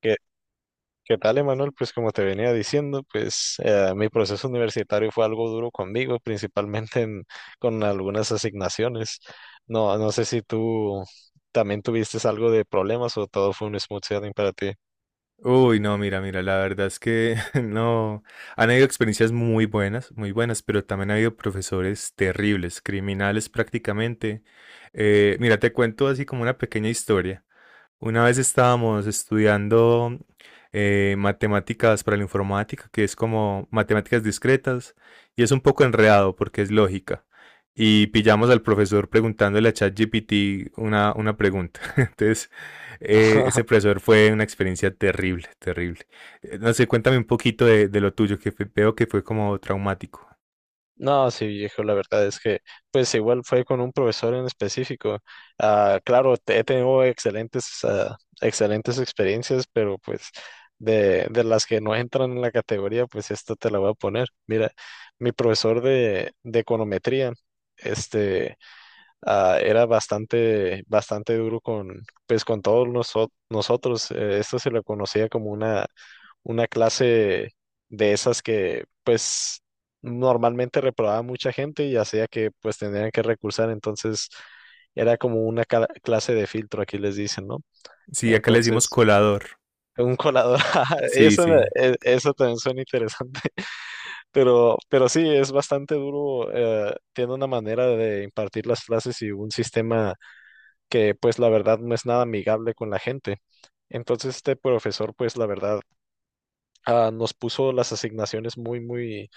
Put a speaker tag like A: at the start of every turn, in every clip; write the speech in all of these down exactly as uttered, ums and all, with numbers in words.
A: ¿Qué, qué tal, Emanuel? Pues como te venía diciendo, pues eh, mi proceso universitario fue algo duro conmigo, principalmente en- con algunas asignaciones. No, no sé si tú también tuviste algo de problemas o todo fue un smooth sailing para ti.
B: Uy, no, mira, mira, la verdad es que no, han habido experiencias muy buenas, muy buenas, pero también ha habido profesores terribles, criminales prácticamente. Eh, mira, te cuento así como una pequeña historia. Una vez estábamos estudiando eh, matemáticas para la informática, que es como matemáticas discretas, y es un poco enredado porque es lógica. Y pillamos al profesor preguntándole a ChatGPT una, una pregunta. Entonces, eh, ese profesor fue una experiencia terrible, terrible. Eh, No sé, cuéntame un poquito de, de lo tuyo, que fue- veo que fue como traumático.
A: No, sí, viejo, la verdad es que, pues igual fue con un profesor en específico. Ah, claro, te- he tenido excelentes, ah, excelentes experiencias, pero pues de, de las que no entran en la categoría, pues esta te la voy a poner. Mira, mi profesor de, de econometría, este, ah, era bastante, bastante duro con, pues con todos noso- nosotros. Eh, esto se lo conocía como una una clase de esas que pues normalmente reprobaba mucha gente y hacía que pues tendrían que recursar, entonces era como una cla- clase de filtro, aquí les dicen, ¿no?
B: Sí, acá le decimos
A: Entonces,
B: colador.
A: un colador,
B: Sí,
A: eso, me-
B: sí.
A: e- eso también suena interesante. pero, pero sí, es bastante duro, eh, tiene una manera de impartir las clases y un sistema que pues la verdad no es nada amigable con la gente. Entonces este profesor pues la verdad, ah, nos puso las asignaciones muy, muy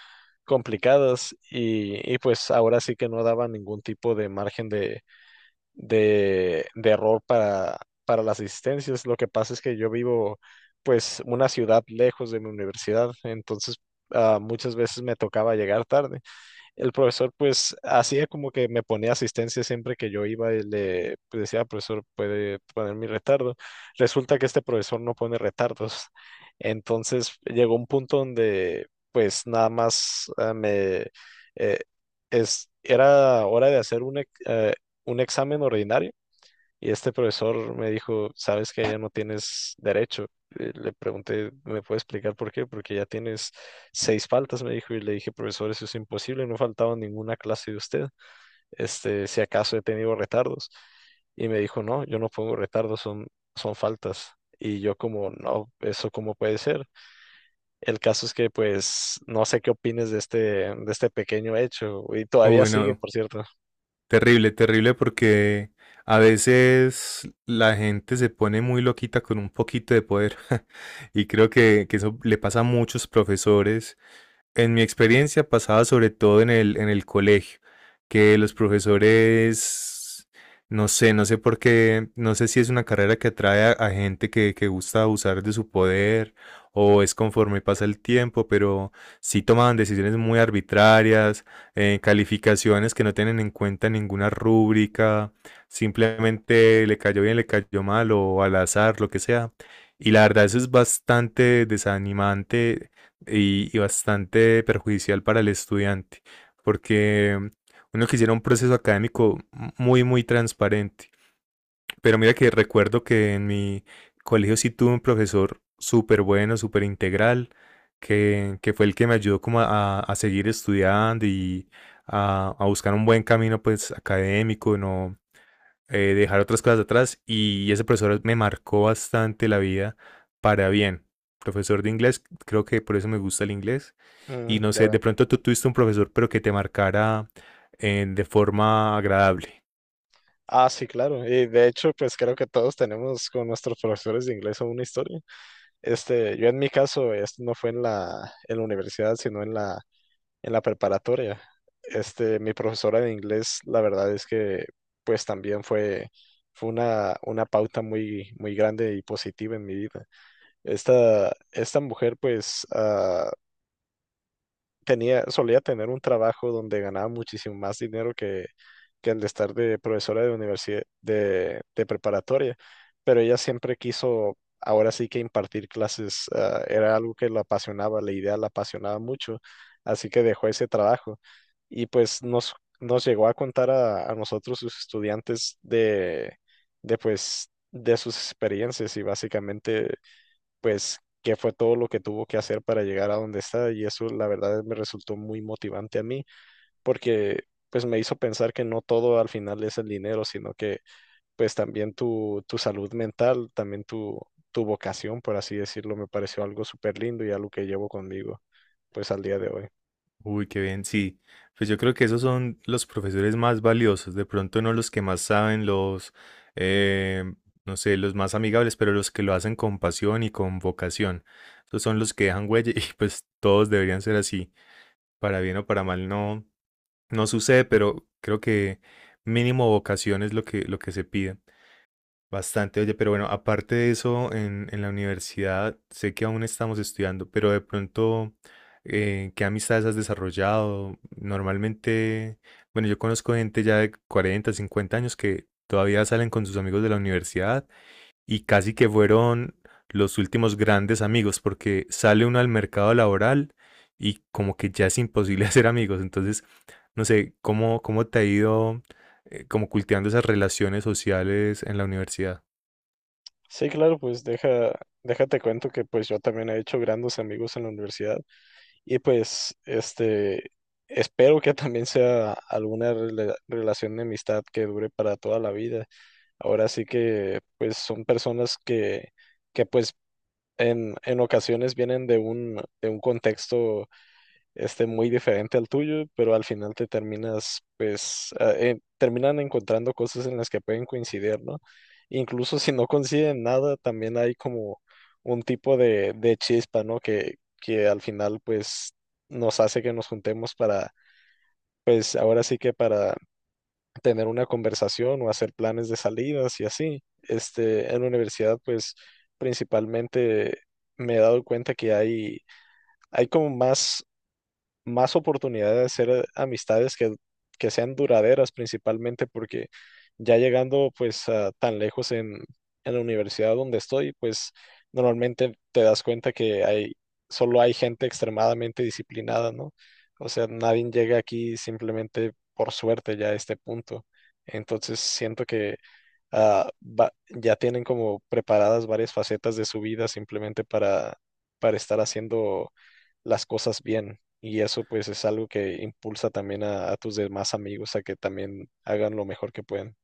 A: complicadas y, y pues ahora sí que no daba ningún tipo de margen de, de, de error para, para las asistencias. Lo que pasa es que yo vivo pues una ciudad lejos de mi universidad, entonces, ah, muchas veces me tocaba llegar tarde. El profesor pues hacía como que me ponía asistencia siempre que yo iba y le pues decía, "Ah, profesor, puede poner mi retardo". Resulta que este profesor no pone retardos. Entonces llegó un punto donde pues nada más, ah, me... eh, es, era hora de hacer un, ex- eh, un examen ordinario. Y este profesor me dijo, "¿Sabes que ya no tienes derecho?". Eh, Le pregunté, "¿Me puede explicar por qué?". "Porque ya tienes seis faltas", me dijo, y le dije, "Profesor, eso es imposible, no he faltado a ninguna clase de usted, este, si acaso he tenido retardos". Y me dijo, "No, yo no pongo retardos, son, son faltas". Y yo como, "No, eso cómo puede ser". El caso es que pues no sé qué opines de este, de este pequeño hecho, y todavía
B: Uy,
A: sigue,
B: no.
A: por cierto.
B: Terrible, terrible porque a veces la gente se pone muy loquita con un poquito de poder y creo que, que eso le pasa a muchos profesores. En mi experiencia pasaba sobre todo en el, en el colegio, que los profesores, no sé, no sé por qué, no sé si es una carrera que atrae a, a gente que, que gusta abusar de su poder o es conforme pasa el tiempo, pero sí tomaban decisiones muy arbitrarias, eh, calificaciones que no tienen en cuenta ninguna rúbrica, simplemente le cayó bien, le cayó mal o al azar, lo que sea. Y la verdad eso es bastante desanimante y, y bastante perjudicial para el estudiante, porque uno quisiera un proceso académico muy, muy transparente. Pero mira que recuerdo que en mi colegio sí tuve un profesor súper bueno, súper integral, que, que fue el que me ayudó como a, a seguir estudiando y a, a buscar un buen camino pues académico, no, eh, dejar otras cosas atrás y ese profesor me marcó bastante la vida para bien. Profesor de inglés, creo que por eso me gusta el inglés. Y
A: Mm,
B: no sé,
A: ya.
B: de pronto tú tuviste un profesor, pero que te marcara eh, de forma agradable.
A: Ah, sí, claro. Y de hecho, pues creo que todos tenemos con nuestros profesores de inglés una historia. Este, yo en mi caso, esto no fue en la, en la universidad, sino en la, en la preparatoria. Este, mi profesora de inglés, la verdad es que, pues también fue, fue una, una pauta muy, muy grande y positiva en mi vida. Esta, esta mujer, pues, ah, tenía, solía tener un trabajo donde ganaba muchísimo más dinero que, que el de estar de profesora de universidad, de, de preparatoria, pero ella siempre quiso, ahora sí que impartir clases, ah, era algo que la apasionaba, la idea la apasionaba mucho, así que dejó ese trabajo y pues nos, nos llegó a contar a, a nosotros, sus estudiantes, de, de pues, de sus experiencias y básicamente pues qué fue todo lo que tuvo que hacer para llegar a donde está y eso la verdad me resultó muy motivante a mí porque pues me hizo pensar que no todo al final es el dinero, sino que pues también tu, tu salud mental, también tu, tu vocación, por así decirlo, me pareció algo súper lindo y algo que llevo conmigo pues al día de hoy.
B: Uy, qué bien, sí. Pues yo creo que esos son los profesores más valiosos, de pronto no los que más saben, los, eh, no sé, los más amigables, pero los que lo hacen con pasión y con vocación. Esos son los que dejan huella y pues todos deberían ser así, para bien o para mal, no, no sucede, pero creo que mínimo vocación es lo que, lo que se pide. Bastante, oye, pero bueno, aparte de eso, en, en la universidad sé que aún estamos estudiando, pero de pronto, eh, ¿qué amistades has desarrollado? Normalmente, bueno, yo conozco gente ya de cuarenta, cincuenta años que todavía salen con sus amigos de la universidad y casi que fueron los últimos grandes amigos, porque sale uno al mercado laboral y como que ya es imposible hacer amigos. Entonces, no sé, ¿cómo, ¿cómo te ha ido eh, como cultivando esas relaciones sociales en la universidad?
A: Sí, claro, pues deja, déjate cuento que pues yo también he hecho grandes amigos en la universidad. Y pues, este, espero que también sea alguna rela- relación de amistad que dure para toda la vida. Ahora sí que, pues, son personas que, que pues, en, en ocasiones vienen de un, de un contexto este muy diferente al tuyo, pero al final te terminas, pues, a- eh, terminan encontrando cosas en las que pueden coincidir, ¿no? Incluso si no coinciden nada, también hay como un tipo de, de chispa, ¿no? Que, que al final, pues, nos hace que nos juntemos para, pues, ahora sí que para tener una conversación o hacer planes de salidas y así. Este, en la universidad, pues, principalmente me he dado cuenta que hay hay como más más oportunidad de hacer amistades que, que sean duraderas principalmente porque ya llegando pues a tan lejos en, en la universidad donde estoy, pues normalmente te das cuenta que hay, solo hay gente extremadamente disciplinada, ¿no? O sea, nadie llega aquí simplemente por suerte ya a este punto. Entonces siento que ah, va- ya tienen como preparadas varias facetas de su vida simplemente para, para estar haciendo las cosas bien. Y eso pues es algo que impulsa también a, a tus demás amigos a que también hagan lo mejor que pueden.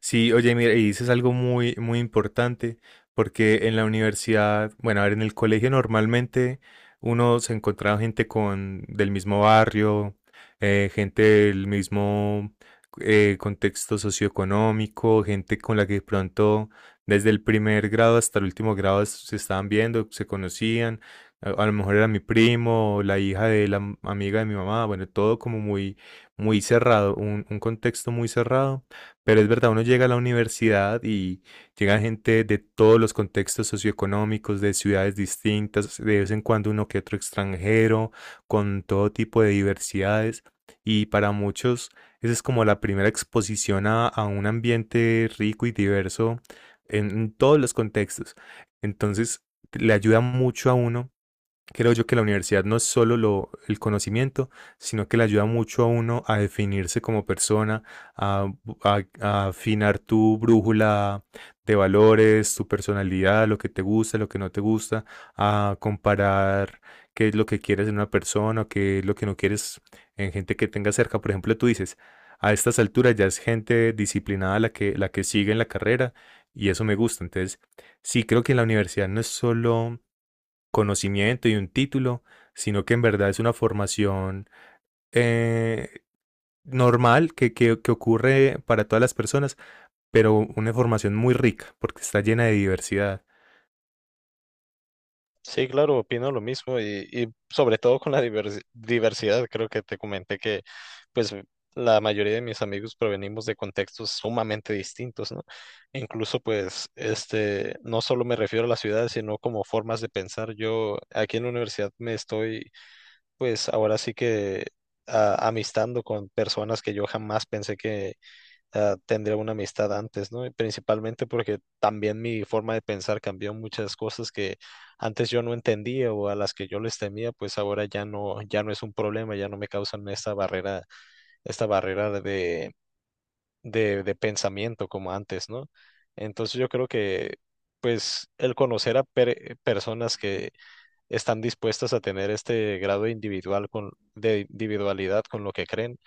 B: Sí, oye, mira, y dices algo muy, muy importante, porque en la universidad, bueno, a ver, en el colegio normalmente uno se encontraba gente con del mismo barrio, eh, gente del mismo eh, contexto socioeconómico, gente con la que de pronto desde el primer grado hasta el último grado es- se estaban viendo, se conocían, a, a lo mejor era mi primo, o la hija de la m- amiga de mi mamá, bueno, todo como muy, muy cerrado, un un contexto muy cerrado. Pero es verdad, uno llega a la universidad y llega gente de todos los contextos socioeconómicos, de ciudades distintas, de vez en cuando uno que otro extranjero, con todo tipo de diversidades. Y para muchos, esa es como la primera exposición a, a un ambiente rico y diverso en, en todos los contextos. Entonces, le ayuda mucho a uno. Creo yo que la universidad no es solo lo, el conocimiento, sino que le ayuda mucho a uno a definirse como persona, a, bu- a- a afinar tu brújula de valores, tu personalidad, lo que te gusta, lo que no te gusta, a comparar qué es lo que quieres en una persona, qué es lo que no quieres en gente que tengas cerca. Por ejemplo, tú dices, a estas alturas ya es gente disciplinada la que, la que sigue en la carrera y eso me gusta. Entonces, sí, creo que la universidad no es solo conocimiento y un título, sino que en verdad es una formación eh, normal que, que, que ocurre para todas las personas, pero una formación muy rica porque está llena de diversidad.
A: Sí, claro, opino lo mismo y, y sobre todo con la diversi- diversidad. Creo que te comenté que pues la mayoría de mis amigos provenimos de contextos sumamente distintos, ¿no? Incluso pues este, no solo me refiero a la ciudad, sino como formas de pensar. Yo aquí en la universidad me estoy pues ahora sí que, ah, amistando con personas que yo jamás pensé que, ah, tendría una amistad antes, ¿no? Y principalmente porque también mi forma de pensar cambió muchas cosas que antes yo no entendía o a las que yo les temía, pues ahora ya no, ya no es un problema, ya no me causan esta barrera, esta barrera de, de, de pensamiento como antes, ¿no? Entonces yo creo que pues el conocer a per- personas que están dispuestas a tener este grado individual con, de individualidad con lo que creen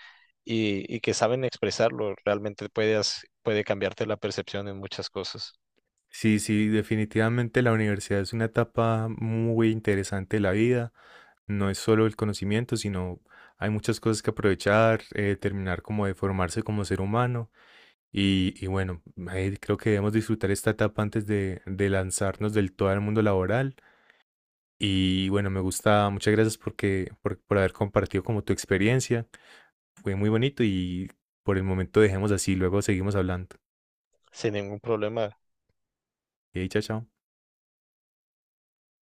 A: y, y que saben expresarlo, realmente puedes, puede cambiarte la percepción en muchas cosas
B: Sí, sí, definitivamente la universidad es una etapa muy interesante de la vida. No es solo el conocimiento, sino hay muchas cosas que aprovechar, eh, terminar como de formarse como ser humano. Y, y bueno, ahí creo que debemos disfrutar esta etapa antes de, de lanzarnos del todo al mundo laboral. Y bueno, me gusta, muchas gracias porque, por, por haber compartido como tu experiencia. Fue muy bonito y por el momento dejemos así, luego seguimos hablando.
A: sin ningún problema.
B: Y chao, chao.